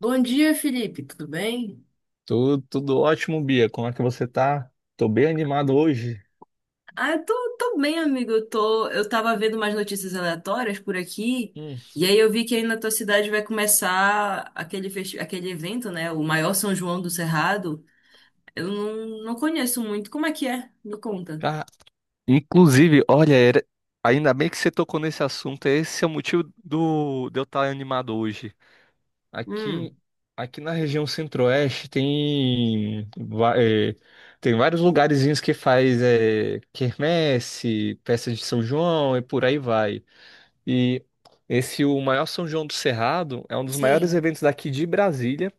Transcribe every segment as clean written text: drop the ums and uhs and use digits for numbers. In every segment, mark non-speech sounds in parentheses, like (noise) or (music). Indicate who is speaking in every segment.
Speaker 1: Bom dia, Felipe, tudo bem?
Speaker 2: Tudo, tudo ótimo, Bia. Como é que você tá? Tô bem animado hoje.
Speaker 1: Ah, eu tô bem, amigo. Eu tava vendo umas notícias aleatórias por aqui,
Speaker 2: Hum.
Speaker 1: e aí eu vi que aí na tua cidade vai começar aquele evento, né? O maior São João do Cerrado. Eu não conheço muito. Como é que é? Me conta.
Speaker 2: Ah, inclusive, olha, ainda bem que você tocou nesse assunto. Esse é o motivo de eu estar animado hoje. Aqui,
Speaker 1: Hum,
Speaker 2: aqui na região centro-oeste tem tem vários lugarzinhos que faz quermesse, festa de São João e por aí vai. E esse, o maior São João do Cerrado, é um dos maiores
Speaker 1: sim,
Speaker 2: eventos daqui de Brasília.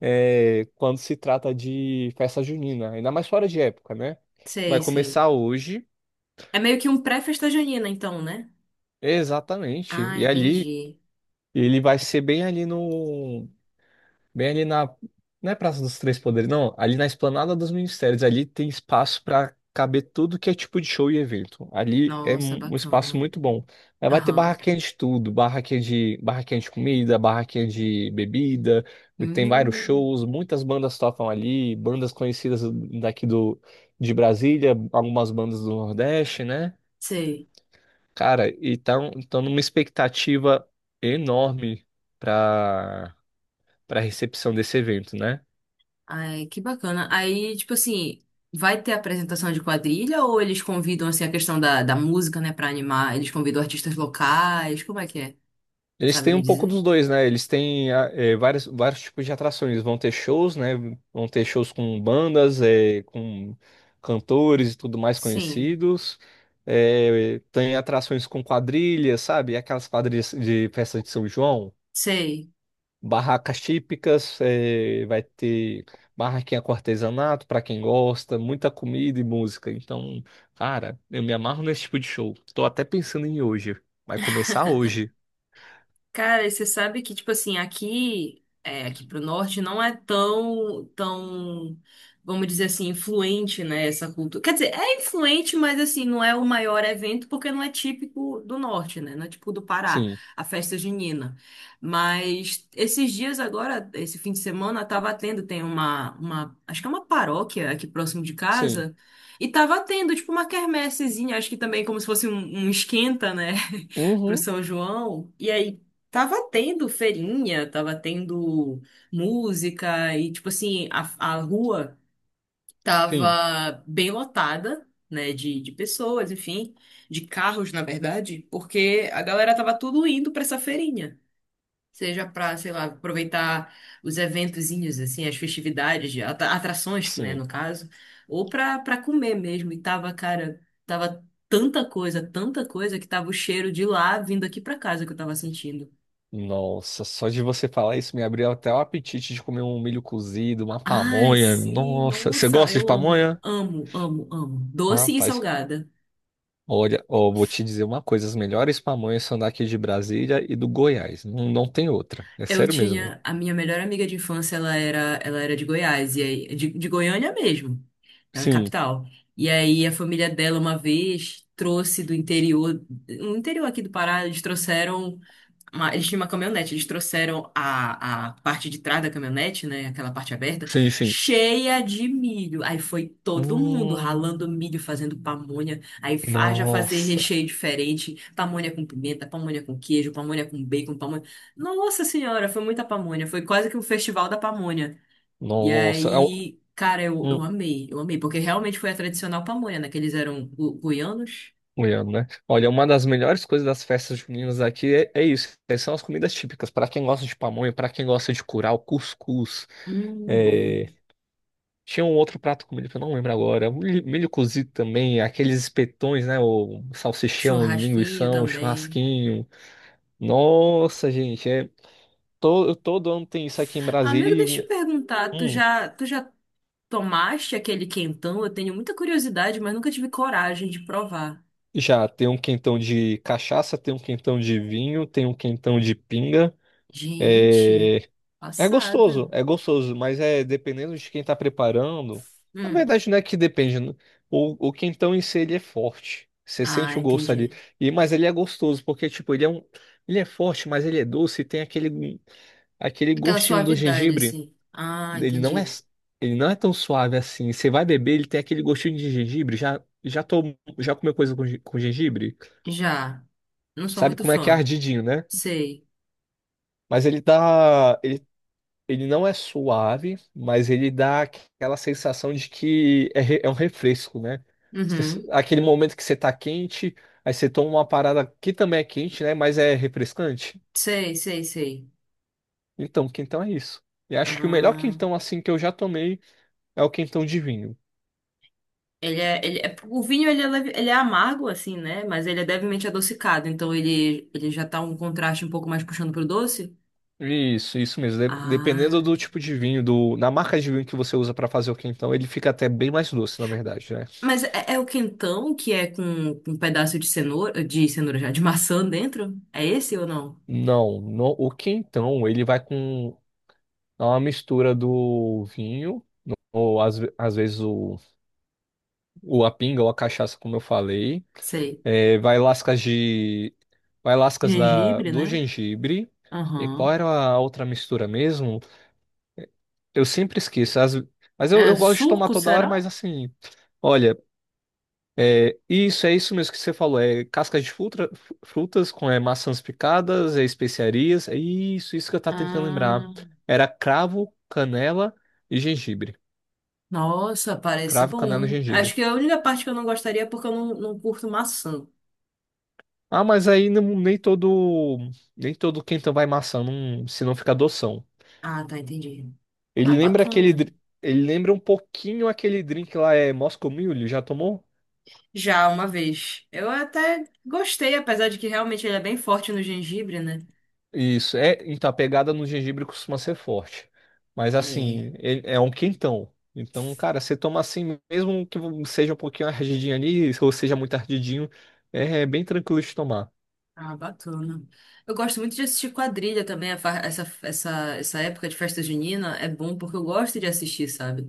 Speaker 2: É, quando se trata de festa junina, ainda mais fora de época, né? Vai
Speaker 1: sei, sei.
Speaker 2: começar hoje,
Speaker 1: É meio que um pré-festa junina, então, né?
Speaker 2: exatamente.
Speaker 1: Ah,
Speaker 2: E ali,
Speaker 1: entendi.
Speaker 2: ele vai ser bem ali no Bem ali na. Não é Praça dos Três Poderes, não. Ali na Esplanada dos Ministérios. Ali tem espaço para caber tudo que é tipo de show e evento. Ali é
Speaker 1: Nossa,
Speaker 2: um espaço
Speaker 1: bacana.
Speaker 2: muito bom. Aí vai ter
Speaker 1: Aham.
Speaker 2: barraquinha de tudo: barraquinha de comida, barraquinha de bebida. Tem vários
Speaker 1: Hum,
Speaker 2: shows, muitas bandas tocam ali, bandas conhecidas daqui do, de Brasília, algumas bandas do Nordeste, né?
Speaker 1: sei.
Speaker 2: Cara, e tão numa expectativa enorme para para recepção desse evento, né?
Speaker 1: Ai, que bacana. Aí, tipo assim, vai ter apresentação de quadrilha ou eles convidam, assim, a questão da música, né, pra animar? Eles convidam artistas locais? Como é que é?
Speaker 2: Eles
Speaker 1: Sabe
Speaker 2: têm
Speaker 1: me
Speaker 2: um pouco
Speaker 1: dizer?
Speaker 2: dos dois, né? Eles têm vários tipos de atrações. Vão ter shows, né? Vão ter shows com bandas, com cantores e tudo mais
Speaker 1: Sim,
Speaker 2: conhecidos. Tem atrações com quadrilhas, sabe? Aquelas quadrilhas de festa de São João,
Speaker 1: sei.
Speaker 2: barracas típicas, vai ter barraquinha com artesanato para quem gosta, muita comida e música. Então, cara, eu me amarro nesse tipo de show. Tô até pensando em ir hoje. Vai começar hoje.
Speaker 1: Cara, e você sabe que, tipo assim, aqui, é, aqui pro norte não é tão, tão, vamos dizer assim, influente, né, essa cultura. Quer dizer, é influente, mas assim, não é o maior evento porque não é típico do norte, né? Não é típico do Pará,
Speaker 2: Sim,
Speaker 1: a festa junina. Mas esses dias agora, esse fim de semana, tava tendo, tem uma, acho que é uma paróquia aqui próximo de
Speaker 2: sim.
Speaker 1: casa, e tava tendo, tipo, uma quermessezinha, acho que também como se fosse um esquenta, né? (laughs) pro
Speaker 2: Uhum,
Speaker 1: São João. E aí tava tendo feirinha, tava tendo música e, tipo assim, a rua
Speaker 2: sim,
Speaker 1: tava bem lotada, né, de pessoas, enfim, de carros, na verdade, porque a galera tava tudo indo pra essa feirinha. Seja pra, sei lá, aproveitar os eventozinhos, assim, as festividades, de atrações, né,
Speaker 2: sim.
Speaker 1: no caso, ou pra comer mesmo. E tava, cara, tava tanta coisa que tava o cheiro de lá vindo aqui pra casa que eu tava sentindo.
Speaker 2: Nossa, só de você falar isso me abriu até o apetite de comer um milho cozido, uma
Speaker 1: Ai,
Speaker 2: pamonha.
Speaker 1: sim,
Speaker 2: Nossa, você
Speaker 1: nossa,
Speaker 2: gosta de
Speaker 1: eu amo,
Speaker 2: pamonha?
Speaker 1: amo, amo, amo. Doce e
Speaker 2: Rapaz,
Speaker 1: salgada.
Speaker 2: olha, ó, vou te dizer uma coisa: as melhores pamonhas são daqui de Brasília e do Goiás. Não, não tem outra. É
Speaker 1: Eu
Speaker 2: sério mesmo.
Speaker 1: tinha a minha melhor amiga de infância, ela era de Goiás, e aí, de Goiânia mesmo, da
Speaker 2: Sim,
Speaker 1: capital. E aí a família dela uma vez trouxe do interior, no interior aqui do Pará, eles trouxeram eles tinham uma caminhonete, eles trouxeram a parte de trás da caminhonete, né? Aquela parte aberta,
Speaker 2: sim, sim.
Speaker 1: cheia de milho. Aí foi todo mundo ralando
Speaker 2: Hum,
Speaker 1: milho, fazendo pamonha. Aí haja fazer
Speaker 2: nossa,
Speaker 1: recheio diferente: pamonha com pimenta, pamonha com queijo, pamonha com bacon, pamonha. Nossa Senhora, foi muita pamonha. Foi quase que um festival da pamonha. E
Speaker 2: nossa.
Speaker 1: aí, cara,
Speaker 2: Hum,
Speaker 1: eu amei, porque realmente foi a tradicional pamonha, né? Que eles eram guianos.
Speaker 2: O Ian, né? Olha, uma das melhores coisas das festas juninas aqui é isso. São as comidas típicas. Pra quem gosta de pamonha, pra quem gosta de curau, cuscuz.
Speaker 1: Bom.
Speaker 2: é, Tinha um outro prato comido que eu não lembro agora. Milho cozido também, aqueles espetões, né? O salsichão, o
Speaker 1: Churrasquinho
Speaker 2: linguição,
Speaker 1: também.
Speaker 2: churrasquinho. Nossa, gente, todo ano tem isso aqui em Brasília
Speaker 1: Amigo, deixa eu te
Speaker 2: e
Speaker 1: perguntar,
Speaker 2: hum,
Speaker 1: tu já tomaste aquele quentão? Eu tenho muita curiosidade, mas nunca tive coragem de provar.
Speaker 2: já tem um quentão de cachaça, tem um quentão de vinho, tem um quentão de pinga.
Speaker 1: Gente,
Speaker 2: é,
Speaker 1: passada.
Speaker 2: é gostoso, mas é dependendo de quem tá preparando. Na
Speaker 1: Hum.
Speaker 2: verdade, não é que depende, né? O quentão em si, ele é forte. Você
Speaker 1: Ah,
Speaker 2: sente o gosto ali.
Speaker 1: entendi.
Speaker 2: E, mas ele é gostoso, porque, tipo, ele é um. Ele é forte, mas ele é doce e tem aquele
Speaker 1: Aquela
Speaker 2: gostinho do
Speaker 1: suavidade,
Speaker 2: gengibre.
Speaker 1: assim. Ah,
Speaker 2: Ele não é,
Speaker 1: entendi.
Speaker 2: ele não é tão suave assim. Você vai beber, ele tem aquele gostinho de gengibre. Já comeu coisa com, com gengibre?
Speaker 1: Já. Não sou
Speaker 2: Sabe
Speaker 1: muito
Speaker 2: como é que é
Speaker 1: fã.
Speaker 2: ardidinho, né?
Speaker 1: Sei.
Speaker 2: Mas ele tá ele Ele não é suave, mas ele dá aquela sensação de que é um refresco, né?
Speaker 1: Uhum.
Speaker 2: Aquele momento que você tá quente, aí você toma uma parada que também é quente, né? Mas é refrescante.
Speaker 1: Sei, sei, sei.
Speaker 2: Então, quentão é isso. E acho que o melhor
Speaker 1: Ah.
Speaker 2: quentão assim que eu já tomei é o quentão de vinho.
Speaker 1: Ele é, o vinho ele é amargo assim, né? Mas ele é levemente adocicado, então ele já tá um contraste um pouco mais puxando pro doce.
Speaker 2: Isso mesmo. Dependendo
Speaker 1: Ah,
Speaker 2: do tipo de vinho, na marca de vinho que você usa para fazer o quentão, ele fica até bem mais doce, na verdade, né?
Speaker 1: mas é o quentão que é com um pedaço de cenoura já, de maçã dentro? É esse ou não?
Speaker 2: Não, o quentão, ele vai com é uma mistura do vinho, ou às vezes o a pinga ou a cachaça, como eu falei.
Speaker 1: Sei.
Speaker 2: É, vai lascas de. Vai lascas
Speaker 1: Gengibre,
Speaker 2: do
Speaker 1: né?
Speaker 2: gengibre. E qual
Speaker 1: Aham.
Speaker 2: era a outra mistura mesmo? Eu sempre esqueço.
Speaker 1: É
Speaker 2: Eu gosto de tomar
Speaker 1: suco,
Speaker 2: toda hora,
Speaker 1: será?
Speaker 2: mas assim. Olha, isso é isso mesmo que você falou. É cascas de fruta, frutas com maçãs picadas, é especiarias. Isso que eu tava tentando lembrar.
Speaker 1: Ah,
Speaker 2: Era cravo, canela e gengibre.
Speaker 1: nossa, parece
Speaker 2: Cravo, canela e
Speaker 1: bom. Acho
Speaker 2: gengibre.
Speaker 1: que é a única parte que eu não gostaria é porque eu não curto maçã.
Speaker 2: Ah, mas aí não- nem todo quentão vai maçã, não, se não fica adoção.
Speaker 1: Ah, tá, entendi. Ah,
Speaker 2: Ele lembra aquele
Speaker 1: bacana.
Speaker 2: dri- ele lembra um pouquinho aquele drink lá Moscow Mule, já tomou?
Speaker 1: Já uma vez. Eu até gostei, apesar de que realmente ele é bem forte no gengibre, né?
Speaker 2: Isso, é, então a pegada no gengibre costuma ser forte. Mas
Speaker 1: É.
Speaker 2: assim, é um quentão. Então, cara, você toma assim, mesmo que seja um pouquinho ardidinho ali, ou seja muito ardidinho, é bem tranquilo de tomar.
Speaker 1: Ah, bacana. Eu gosto muito de assistir quadrilha também, a fa- essa época de festa junina é bom porque eu gosto de assistir, sabe?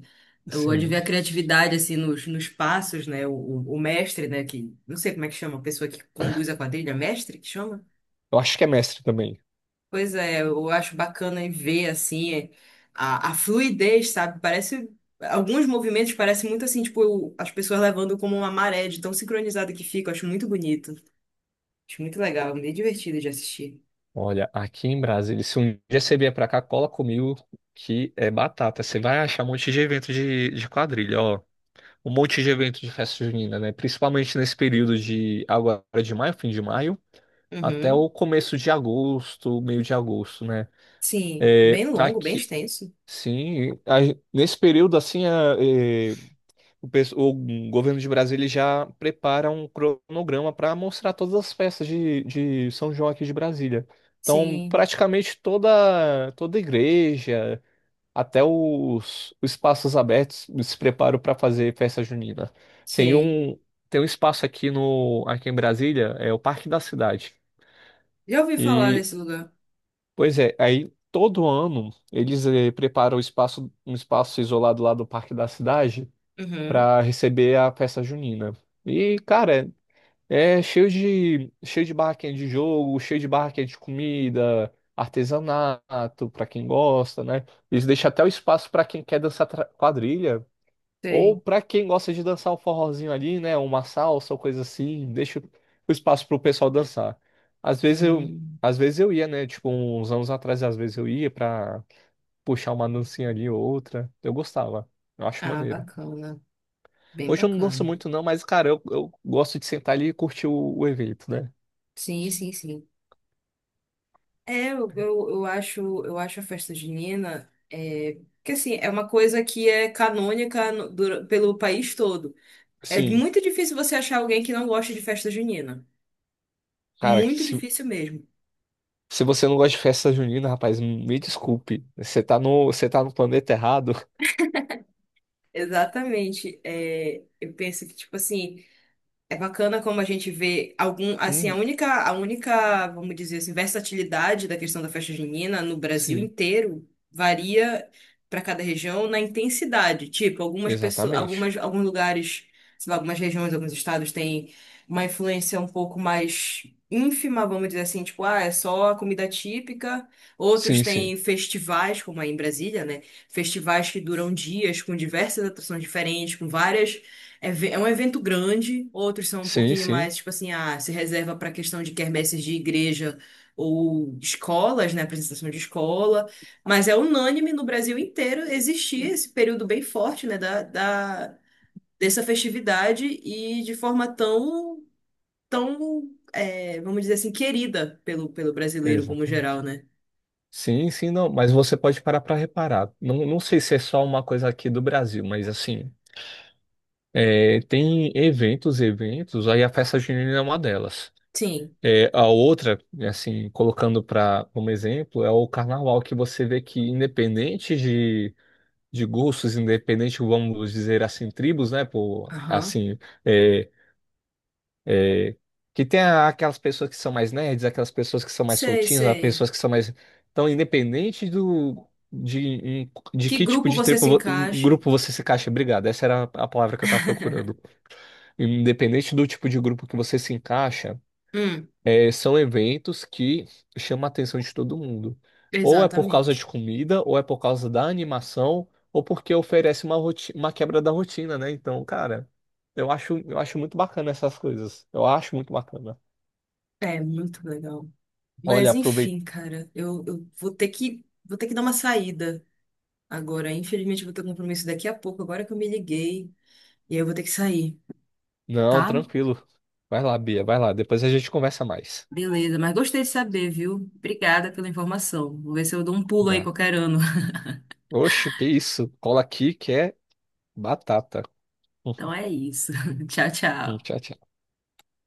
Speaker 1: Eu gosto de ver
Speaker 2: Assim,
Speaker 1: a criatividade, assim, nos passos, né? O mestre, né? Que, não sei como é que chama, a pessoa que conduz a quadrilha, mestre que chama?
Speaker 2: eu acho que é mestre também.
Speaker 1: Pois é, eu acho bacana em ver, assim, é, a fluidez, sabe? Parece, alguns movimentos parecem muito assim, tipo, as pessoas levando como uma maré de tão sincronizada que fica, eu acho muito bonito. Acho muito legal, meio divertido de assistir.
Speaker 2: Olha, aqui em Brasília, se um dia você vier pra cá, cola comigo que é batata. Você vai achar um monte de evento de quadrilha, ó. Um monte de evento de festa junina, né? Principalmente nesse período de agora de maio, fim de maio, até
Speaker 1: Uhum.
Speaker 2: o começo de agosto, meio de agosto, né?
Speaker 1: Sim,
Speaker 2: É,
Speaker 1: bem longo, bem
Speaker 2: aqui,
Speaker 1: extenso.
Speaker 2: sim, a- nesse período assim, é, o governo de Brasília já prepara um cronograma para mostrar todas as festas de São João aqui de Brasília. Então,
Speaker 1: Sim,
Speaker 2: praticamente toda igreja, até os espaços abertos se preparam para fazer festa junina. Tem
Speaker 1: sei.
Speaker 2: um tem um espaço aqui no aqui em Brasília, é o Parque da Cidade.
Speaker 1: Já ouvi falar
Speaker 2: E
Speaker 1: desse lugar.
Speaker 2: pois é, aí todo ano eles preparam o espaço um espaço isolado lá do Parque da Cidade
Speaker 1: Uhum,
Speaker 2: para receber a festa junina. E, cara, é cheio de barraquinha de jogo, cheio de barraquinha de comida, artesanato para quem gosta, né? Eles deixam até o espaço para quem quer dançar quadrilha
Speaker 1: sei.
Speaker 2: ou para quem gosta de dançar o forrozinho ali, né? Uma salsa ou coisa assim, deixa o espaço pro pessoal dançar. Às vezes eu
Speaker 1: Hum,
Speaker 2: Às vezes eu ia, né? Tipo, uns anos atrás, às vezes eu ia pra puxar uma dancinha ali ou outra. Eu gostava. Eu acho
Speaker 1: Ah,
Speaker 2: maneiro.
Speaker 1: bacana. Bem
Speaker 2: Hoje eu não danço
Speaker 1: bacana.
Speaker 2: muito não, mas, cara, eu gosto de sentar ali e curtir o evento, né?
Speaker 1: Sim, sim, sim. É, eu acho a festa junina, é, que assim, é uma coisa que é canônica pelo país todo. É
Speaker 2: Sim,
Speaker 1: muito difícil você achar alguém que não gosta de festa junina.
Speaker 2: cara, que
Speaker 1: Muito
Speaker 2: se,
Speaker 1: difícil mesmo.
Speaker 2: se você não gosta de festa junina, rapaz, me desculpe. Você tá você tá no planeta errado. (laughs)
Speaker 1: Exatamente. É, eu penso que, tipo assim, é bacana como a gente vê algum, assim,
Speaker 2: Uhum,
Speaker 1: a única, vamos dizer assim, versatilidade da questão da festa junina no Brasil
Speaker 2: sim,
Speaker 1: inteiro varia para cada região na intensidade. Tipo, algumas pessoas,
Speaker 2: exatamente.
Speaker 1: algumas, alguns lugares, sei lá, algumas regiões, alguns estados têm uma influência um pouco mais ínfima, vamos dizer assim, tipo, ah, é só a comida típica. Outros
Speaker 2: Sim,
Speaker 1: têm
Speaker 2: sim.
Speaker 1: festivais, como aí em Brasília, né? Festivais que duram dias com diversas atrações diferentes, com várias é um evento grande, outros são um
Speaker 2: Sim,
Speaker 1: pouquinho
Speaker 2: sim,
Speaker 1: mais, tipo assim, ah, se reserva para questão de quermesses de igreja ou escolas, né, apresentação de escola, mas é unânime no Brasil inteiro existir esse período bem forte, né, dessa festividade e de forma tão, tão, é, vamos dizer assim, querida pelo brasileiro como geral,
Speaker 2: exatamente.
Speaker 1: né?
Speaker 2: Sim, sim, não, mas você pode parar para reparar. Não, não sei se é só uma coisa aqui do Brasil, mas assim, é, tem eventos, aí a festa junina é uma delas.
Speaker 1: Sim.
Speaker 2: É, a outra, assim, colocando para como exemplo, é o carnaval, que você vê que, independente de gostos, independente, vamos dizer assim, tribos, né? Por,
Speaker 1: Aham.
Speaker 2: assim, é, é, que aquelas pessoas que são mais nerds, aquelas pessoas que são mais
Speaker 1: Sei,
Speaker 2: soltinhas, as
Speaker 1: sei.
Speaker 2: pessoas que são mais. Então, independente do. De
Speaker 1: Que
Speaker 2: que tipo
Speaker 1: grupo
Speaker 2: de
Speaker 1: você
Speaker 2: tribo,
Speaker 1: se encaixe?
Speaker 2: grupo você se encaixa? Obrigado, essa era a palavra que eu estava procurando.
Speaker 1: (laughs)
Speaker 2: Independente do tipo de grupo que você se encaixa.
Speaker 1: Hum,
Speaker 2: É, são eventos que chamam a atenção de todo mundo. Ou é por causa de
Speaker 1: exatamente.
Speaker 2: comida, ou é por causa da animação, ou porque oferece uma, uma quebra da rotina, né? Então, cara, eu acho muito bacana essas coisas. Eu acho muito bacana.
Speaker 1: É muito legal.
Speaker 2: Olha,
Speaker 1: Mas
Speaker 2: aproveita.
Speaker 1: enfim, cara, eu vou ter que dar uma saída agora. Infelizmente, eu vou ter um compromisso daqui a pouco, agora que eu me liguei. E aí eu vou ter que sair,
Speaker 2: Não,
Speaker 1: tá?
Speaker 2: tranquilo. Vai lá, Bia, vai lá. Depois a gente conversa mais.
Speaker 1: Beleza, mas gostei de saber, viu? Obrigada pela informação. Vou ver se eu dou um pulo aí
Speaker 2: Né?
Speaker 1: qualquer ano. (laughs)
Speaker 2: Oxe, que isso? Cola aqui que é batata.
Speaker 1: Então
Speaker 2: (laughs)
Speaker 1: é isso. (laughs) Tchau, tchau.
Speaker 2: Tchau, tchau.